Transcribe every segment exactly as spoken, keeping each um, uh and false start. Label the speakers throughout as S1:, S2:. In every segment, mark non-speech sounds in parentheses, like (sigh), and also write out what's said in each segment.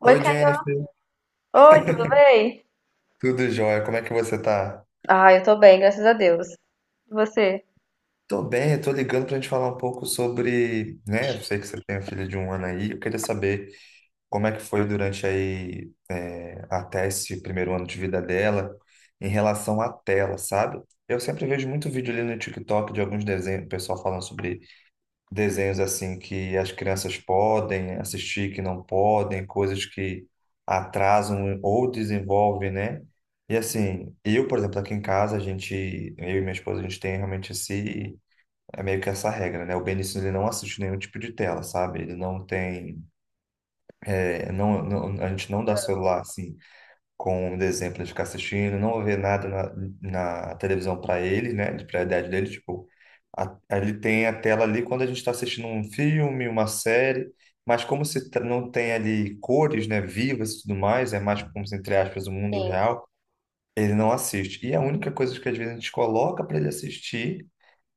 S1: Oi,
S2: Oi,
S1: Caio.
S2: Jennifer.
S1: Oi, tudo bem?
S2: Tudo jóia? Como é que você tá?
S1: Ah, eu tô bem, graças a Deus. E você?
S2: Tô bem, eu tô ligando pra gente falar um pouco sobre, né? Eu sei que você tem uma filha de um ano aí. Eu queria saber como é que foi durante aí, é, até esse primeiro ano de vida dela, em relação à tela, sabe? Eu sempre vejo muito vídeo ali no TikTok de alguns desenhos, o pessoal falando sobre desenhos assim que as crianças podem assistir, que não podem, coisas que atrasam ou desenvolvem, né? E assim, eu, por exemplo, aqui em casa, a gente, eu e minha esposa, a gente tem realmente esse, é meio que essa regra, né? O Benício, ele não assiste nenhum tipo de tela, sabe? Ele não tem, é, não, não- a gente não dá celular, assim, com o exemplo de ficar assistindo, não ver nada na, na televisão para ele, né, de prioridade dele, tipo, a- ele tem a tela ali quando a gente está assistindo um filme, uma série, mas como se tra- não tem ali cores, né, vivas e tudo mais, é mais como se, entre aspas, o mundo
S1: Sim.
S2: real, ele não assiste. E a única coisa que às vezes a gente coloca para ele assistir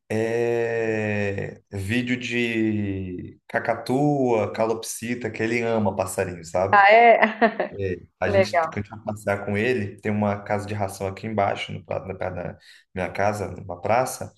S2: é vídeo de cacatua, calopsita, que ele ama passarinho, sabe?
S1: Ah, é? (laughs)
S2: É, a gente,
S1: Legal.
S2: quando a gente vai passear com ele, tem uma casa de ração aqui embaixo, no, pra- na perto da minha casa, numa praça,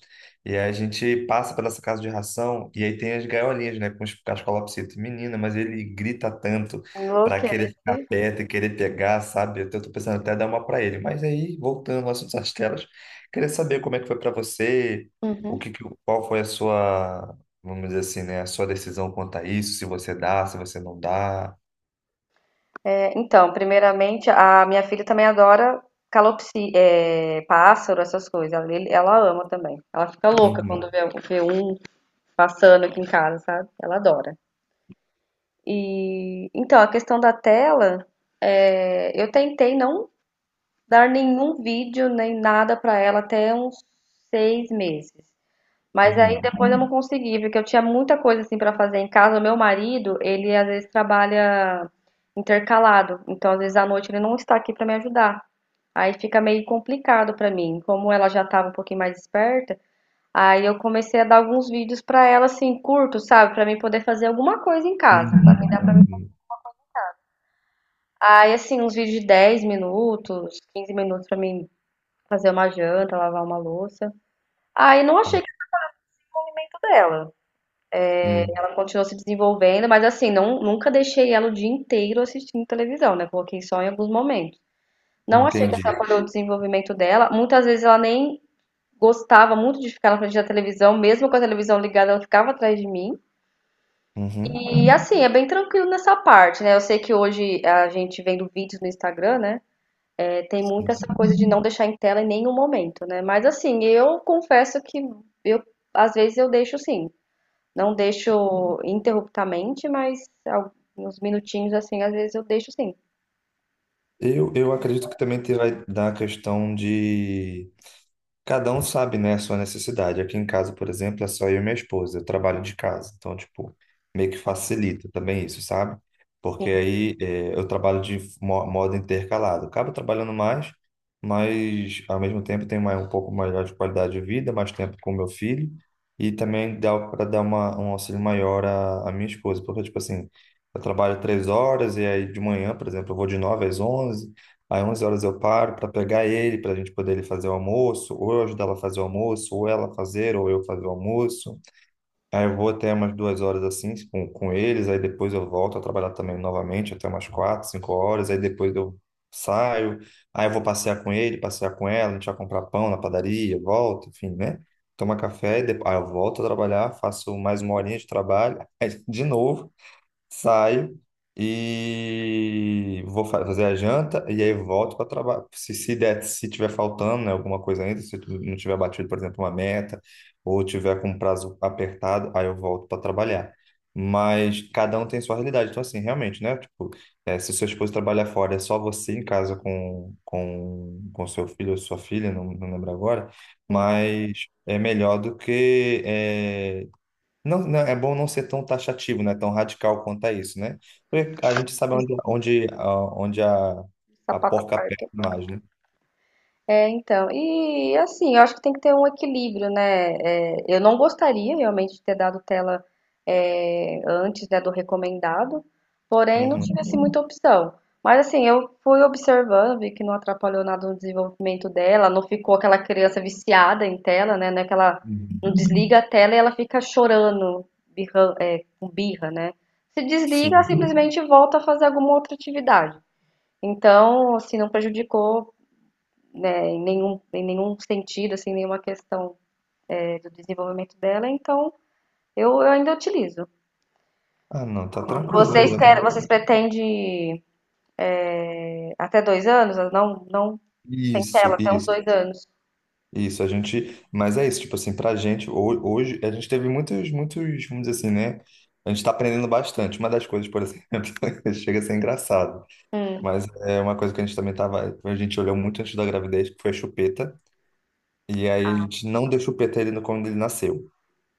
S2: e aí a gente passa pela essa casa de ração, e aí tem as gaiolinhas, né, com os cascolapsitos. Menina, mas ele grita tanto para querer
S1: Enlouquece.
S2: ficar perto e querer pegar, sabe? Eu tô tô pensando até dar uma para ele. Mas aí, voltando ao assunto das telas, queria saber como é que foi para você, o
S1: Uhum.
S2: que, que- qual foi a sua, vamos dizer assim, né, a sua decisão quanto a isso, se você dá, se você não dá.
S1: É, então, primeiramente, a minha filha também adora calopsi, é, pássaro, essas coisas. Ela, ele- ela ama também. Ela fica louca quando
S2: Uhum,
S1: vê, vê um passando aqui em casa, sabe? Ela adora. E então, a questão da tela, é, eu tentei não dar nenhum vídeo nem nada pra ela até uns seis meses. Mas aí
S2: uhum.
S1: depois eu não consegui, porque eu tinha muita coisa assim para fazer em casa. O meu marido, ele às vezes trabalha intercalado, então às vezes à noite ele não está aqui para me ajudar. Aí fica meio complicado para mim. Como ela já estava um pouquinho mais esperta, aí eu comecei a dar alguns vídeos para ela assim, curtos, sabe, para mim poder fazer alguma coisa em casa, para mim
S2: Uhum,
S1: dar para mim.
S2: uhum.
S1: Aí assim, uns vídeos de dez minutos, quinze minutos para mim fazer uma janta, lavar uma louça. Aí não
S2: Tá.
S1: achei que nem tudo dela.
S2: Uhum.
S1: Ela continuou se desenvolvendo, mas assim, não, nunca deixei ela o dia inteiro assistindo televisão, né? Coloquei só em alguns momentos. Não achei que
S2: Entendi.
S1: atrapalhou o desenvolvimento dela. Muitas vezes ela nem gostava muito de ficar na frente da televisão, mesmo com a televisão ligada, ela ficava atrás de mim.
S2: Uhum.
S1: E assim, é bem tranquilo nessa parte, né? Eu sei que hoje a gente vendo vídeos no Instagram, né? É, tem muito
S2: Sim,
S1: essa
S2: sim.
S1: coisa de não deixar em tela em nenhum momento, né? Mas assim, eu confesso que eu às vezes eu deixo sim. Não deixo interruptamente, mas alguns minutinhos assim, às vezes eu deixo sim.
S2: Eu, eu acredito que também terá da questão de cada um sabe, né, a sua necessidade. Aqui em casa, por exemplo, é só eu e minha esposa. Eu trabalho de casa. Então, tipo, meio que facilita também isso, sabe?
S1: Sim.
S2: Porque aí eh, eu trabalho de mo- modo intercalado. Acabo trabalhando mais, mas ao mesmo tempo tenho mais, um pouco maior de qualidade de vida, mais tempo com meu filho. E também dá para dar uma, um auxílio maior à, à minha esposa. Porque, tipo assim, eu trabalho três horas e aí de manhã, por exemplo, eu vou de nove às onze. Aí onze horas eu paro para pegar ele, para a gente poder ele fazer o almoço, ou eu ajudar ela a fazer o almoço, ou ela fazer, ou eu fazer o almoço. Aí eu vou até umas duas horas assim com, com eles, aí depois eu volto a trabalhar também novamente até umas quatro, cinco horas, aí depois eu saio, aí eu vou passear com ele, passear com ela, a gente vai comprar pão na padaria, volto, enfim, né? Toma café, e depois, aí eu volto a trabalhar, faço mais uma horinha de trabalho, (laughs) aí de novo saio e vou fa- fazer a janta e aí volto para trabalhar. Se, se der, se tiver faltando, né, alguma coisa ainda, se tu não tiver batido, por exemplo, uma meta ou tiver com um prazo apertado, aí eu volto para trabalhar. Mas cada um tem sua realidade. Então, assim, realmente, né? Tipo, eh, se sua esposa trabalha fora, é só você em casa com, com, com seu filho ou sua filha, não, não lembro agora,
S1: Hum,
S2: mas é melhor do que eh, não, não, é bom não ser tão taxativo, né? Tão radical quanto a isso, né? Porque a gente sabe
S1: sim,
S2: onde, onde, a- onde a, a
S1: sapato
S2: porca
S1: à.
S2: aperta mais, né?
S1: É, então, e assim, eu acho que tem que ter um equilíbrio, né? É, eu não gostaria realmente de ter dado tela é, antes, né, do recomendado, porém não
S2: Uhum,
S1: tive assim muita opção. Mas assim, eu fui observando, vi que não atrapalhou nada no desenvolvimento dela, não ficou aquela criança viciada em tela, né? Não é que ela não
S2: uhum,
S1: desliga a tela e ela fica chorando, birran- birra, né? Se desliga,
S2: sim.
S1: simplesmente volta a fazer alguma outra atividade. Então, assim, não prejudicou, né, em nenhum, em nenhum sentido, assim, nenhuma questão, é, do desenvolvimento dela, então eu, eu ainda utilizo.
S2: Ah, não, tá tranquilo, é
S1: Vocês querem,
S2: exatamente.
S1: vocês pretendem é, até dois anos? Não, não sem tela,
S2: Isso,
S1: até uns
S2: isso,
S1: dois anos.
S2: isso. A gente, mas é isso, tipo assim, pra gente, ho- hoje, a gente teve muitos, muitos, vamos dizer assim, né? A gente tá aprendendo bastante. Uma das coisas, por exemplo, (laughs) chega a ser engraçado, mas é uma coisa que a gente também tava, a gente olhou muito antes da gravidez, que foi a chupeta. E aí a gente não deu chupeta a ele no- quando ele nasceu.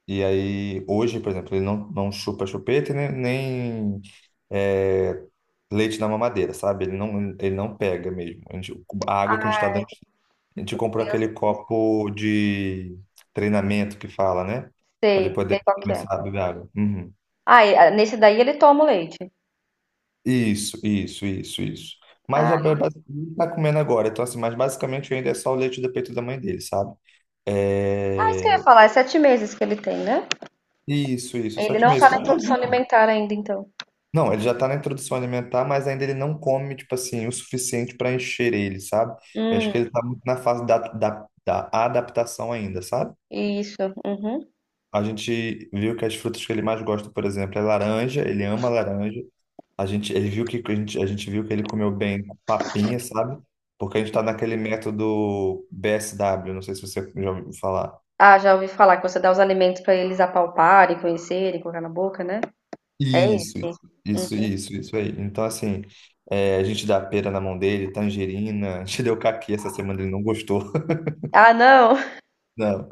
S2: E aí, hoje, por exemplo, ele não, não chupa chupeta e nem, nem, é, leite na mamadeira, sabe? Ele não, ele não pega mesmo. A gente- a água que a gente tá dando, a gente comprou
S1: Eu
S2: aquele copo de treinamento que fala, né? Para ele
S1: sei, sei
S2: poder
S1: qual que é.
S2: começar a beber água. Uhum.
S1: Ah, e, ah, nesse daí ele toma o leite.
S2: Isso, isso, isso, isso. Mas já
S1: Ah,
S2: ba- ba- ele tá comendo agora, então assim, mas basicamente ainda é só o leite do peito da mãe dele, sabe?
S1: ah, isso que eu ia
S2: É.
S1: falar, é sete meses que ele tem, né?
S2: Isso, isso,
S1: Ele
S2: sete
S1: não
S2: meses.
S1: tá na
S2: Tá
S1: introdução
S2: novinho.
S1: alimentar ainda, então.
S2: Não, ele já tá na introdução alimentar, mas ainda ele não come, tipo assim, o suficiente para encher ele, sabe? Eu acho
S1: Hum,
S2: que ele tá muito na fase da, da, da adaptação ainda, sabe?
S1: isso. Uhum.
S2: A gente viu que as frutas que ele mais gosta, por exemplo, é laranja, ele ama laranja. A gente, ele viu que, a gente, a gente viu que ele comeu bem papinha, sabe? Porque a gente tá naquele método B S W, não sei se você já ouviu falar.
S1: Ah, já ouvi falar que você dá os alimentos pra eles apalparem, conhecerem, colocar na boca, né? É isso.
S2: Isso,
S1: Hum.
S2: isso, isso, isso aí. Então, assim, é, a gente dá pera na mão dele, tangerina, (laughs) a gente deu caqui essa semana, ele não gostou,
S1: Ah, não. (laughs)
S2: (laughs) não.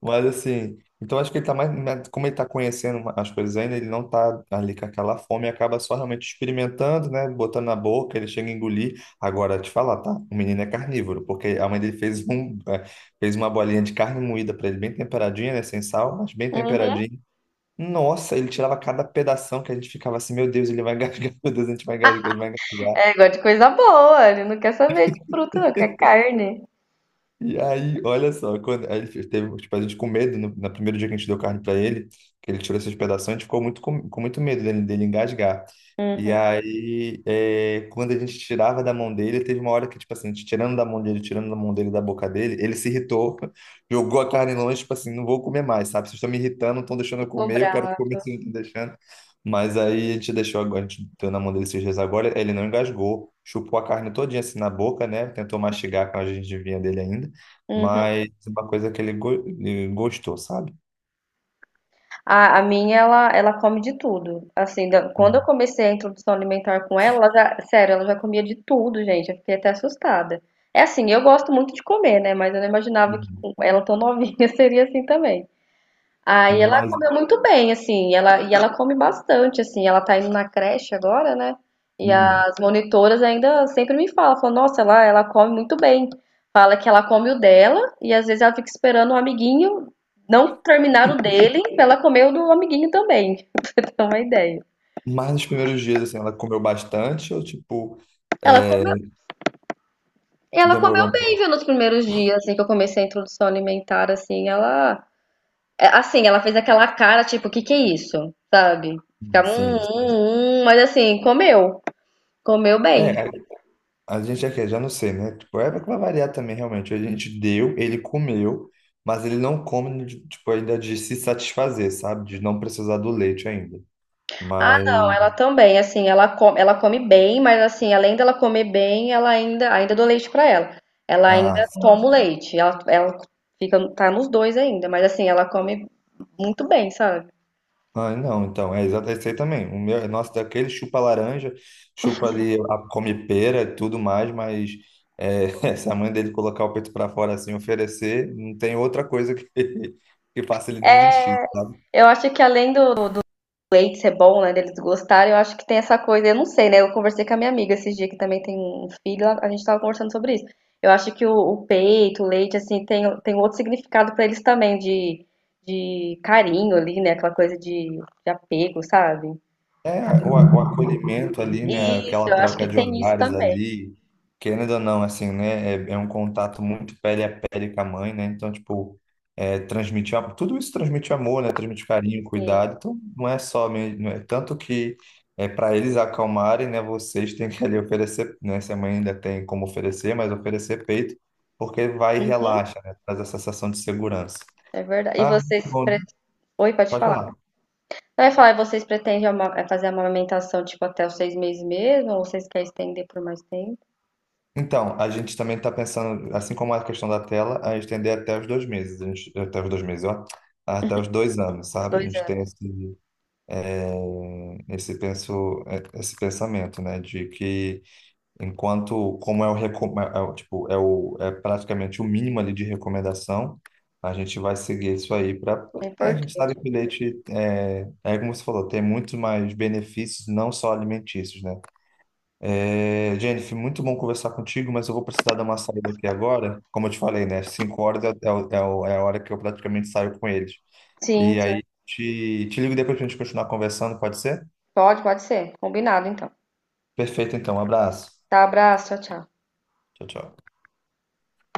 S2: Mas, assim, então acho que ele tá mais, mais- como ele tá conhecendo as coisas ainda, ele não tá ali com aquela fome, acaba só realmente experimentando, né, botando na boca, ele chega a engolir. Agora, te falar, tá? O menino é carnívoro, porque a mãe dele fez um, é, fez uma bolinha de carne moída para ele, bem temperadinha, né, sem sal, mas bem
S1: Uhum.
S2: temperadinha. Nossa, ele tirava cada pedação que a gente ficava assim, meu Deus, ele vai gasgar, (laughs) meu Deus, a gente vai gasgar, ele vai gasgar.
S1: É, gosta de coisa boa. Ele não quer saber de fruta, não, quer carne.
S2: E aí, olha só, quando aí ele fez- teve, tipo, a gente com medo, no, no primeiro dia que a gente deu carne para ele, que ele tirou esses pedaços, a gente ficou muito com, com muito medo dele, dele engasgar. E
S1: Uhum.
S2: aí, é, quando a gente tirava da mão dele, teve uma hora que, tipo assim, a gente tirando da mão dele, tirando da mão dele, da boca dele, ele se irritou, (laughs) jogou a carne longe, tipo assim, não vou comer mais, sabe? Vocês estão me irritando, não estão deixando eu
S1: Ficou
S2: comer, eu quero
S1: brava.
S2: comer, vocês não estão deixando. Mas aí a gente deixou agora, a gente deu na mão dele esses dias agora, ele não engasgou, chupou a carne todinha assim na boca, né? Tentou mastigar com a gengivinha dele ainda,
S1: Uhum.
S2: mas é uma coisa que ele, go- ele gostou, sabe?
S1: A, a minha, ela, ela come de tudo. Assim, da- quando eu
S2: Uhum.
S1: comecei a introdução alimentar com ela, ela já, sério, ela já comia de tudo, gente. Eu fiquei até assustada. É assim, eu gosto muito de comer, né? Mas eu não imaginava que
S2: Uhum.
S1: com ela tão novinha (laughs) seria assim também. Aí ela
S2: Mas,
S1: comeu muito bem, assim, ela, e ela come bastante, assim, ela tá indo na creche agora, né? E
S2: uhum.
S1: as monitoras ainda sempre me falam, falam, nossa, ela, ela come muito bem. Fala que ela come o dela e às vezes ela fica esperando o amiguinho não terminar o dele pra ela comer o do amiguinho também, (laughs) pra você ter uma ideia.
S2: Mas nos primeiros dias, assim, ela comeu bastante ou, tipo,
S1: Ela
S2: é,
S1: comeu, ela comeu
S2: demorou um
S1: bem,
S2: pouco?
S1: viu, nos primeiros dias, assim, que eu comecei a introdução alimentar, assim, ela... É, assim, ela fez aquela cara, tipo, o que que é isso? Sabe? Ficava um,
S2: Sim.
S1: um, um, mas assim, comeu. Comeu
S2: É,
S1: bem.
S2: a, a gente aqui, já não sei, né? Tipo, é que vai variar também, realmente. A gente deu, ele comeu, mas ele não come, de- tipo, ainda de se satisfazer, sabe? De não precisar do leite ainda.
S1: Ah,
S2: Mas,
S1: não, ela também, assim, ela come, ela come bem, mas assim, além dela comer bem, ela ainda, ainda dou leite pra ela. Ela ainda
S2: ah,
S1: toma o leite. Ela, ela fica, tá nos dois ainda, mas assim, ela come muito bem, sabe?
S2: ah, não, então, é exatamente esse aí também. O meu, nosso daquele chupa laranja, chupa ali, a, come pera e tudo mais, mas é, (laughs) se a mãe dele colocar o peito para fora assim, oferecer, não tem outra coisa que, (laughs) que faça ele desistir, sabe?
S1: Eu acho que além do Date ser bom, né? Deles gostarem, eu acho que tem essa coisa, eu não sei, né? Eu conversei com a minha amiga esses dias que também tem um filho, a a gente tava conversando sobre isso. Eu acho que o, o peito, o leite, assim, tem, tem outro significado pra eles também, de, de carinho ali, né? Aquela coisa de, de apego, sabe?
S2: É, o, a- o acolhimento ali, né?
S1: Isso,
S2: Aquela
S1: eu acho que
S2: troca de
S1: tem isso
S2: olhares
S1: também,
S2: ali, querendo ou não, assim, né? É, é um contato muito pele a pele com a mãe, né? Então, tipo, é, transmitir, am- tudo isso transmite amor, né? Transmite carinho,
S1: sim.
S2: cuidado. Então, não é só, me- não é, tanto que é, para eles acalmarem, né? Vocês têm que ali oferecer, né? Se a mãe ainda tem como oferecer, mas oferecer peito, porque vai e
S1: Uhum,
S2: relaxa, né? Traz a sensação de segurança.
S1: é verdade. E
S2: Ah, muito
S1: vocês.
S2: bom.
S1: pre- Oi, pode
S2: Pode
S1: falar.
S2: falar.
S1: Eu ia falar, e vocês pretendem ama- é fazer a amamentação, tipo, até os seis meses mesmo? Ou vocês querem estender por mais tempo?
S2: Então, a gente também está pensando, assim como a questão da tela, a estender até os dois meses, a gente- até os dois meses, ó, até os dois anos, sabe? A
S1: Dois
S2: gente
S1: anos.
S2: tem esse, é, esse, penso, é, esse pensamento, né? De que enquanto, como é o, recom- é é o- tipo, é o, é praticamente o mínimo ali de recomendação, a gente vai seguir isso aí para,
S1: É
S2: a
S1: importante.
S2: gente sabe que o leite, é, é como você falou, tem muito mais benefícios, não só alimentícios, né? É, Jennifer, muito bom conversar contigo, mas eu vou precisar dar uma saída aqui agora. Como eu te falei, né? Cinco horas é, é, o- é o- é a hora que eu praticamente saio com eles.
S1: Sim,
S2: E
S1: sim.
S2: aí, te, te ligo depois pra gente continuar conversando, pode ser?
S1: Pode, pode ser. Combinado, então.
S2: Perfeito, então. Um abraço.
S1: Tá, abraço. Tchau, tchau.
S2: Tchau, tchau.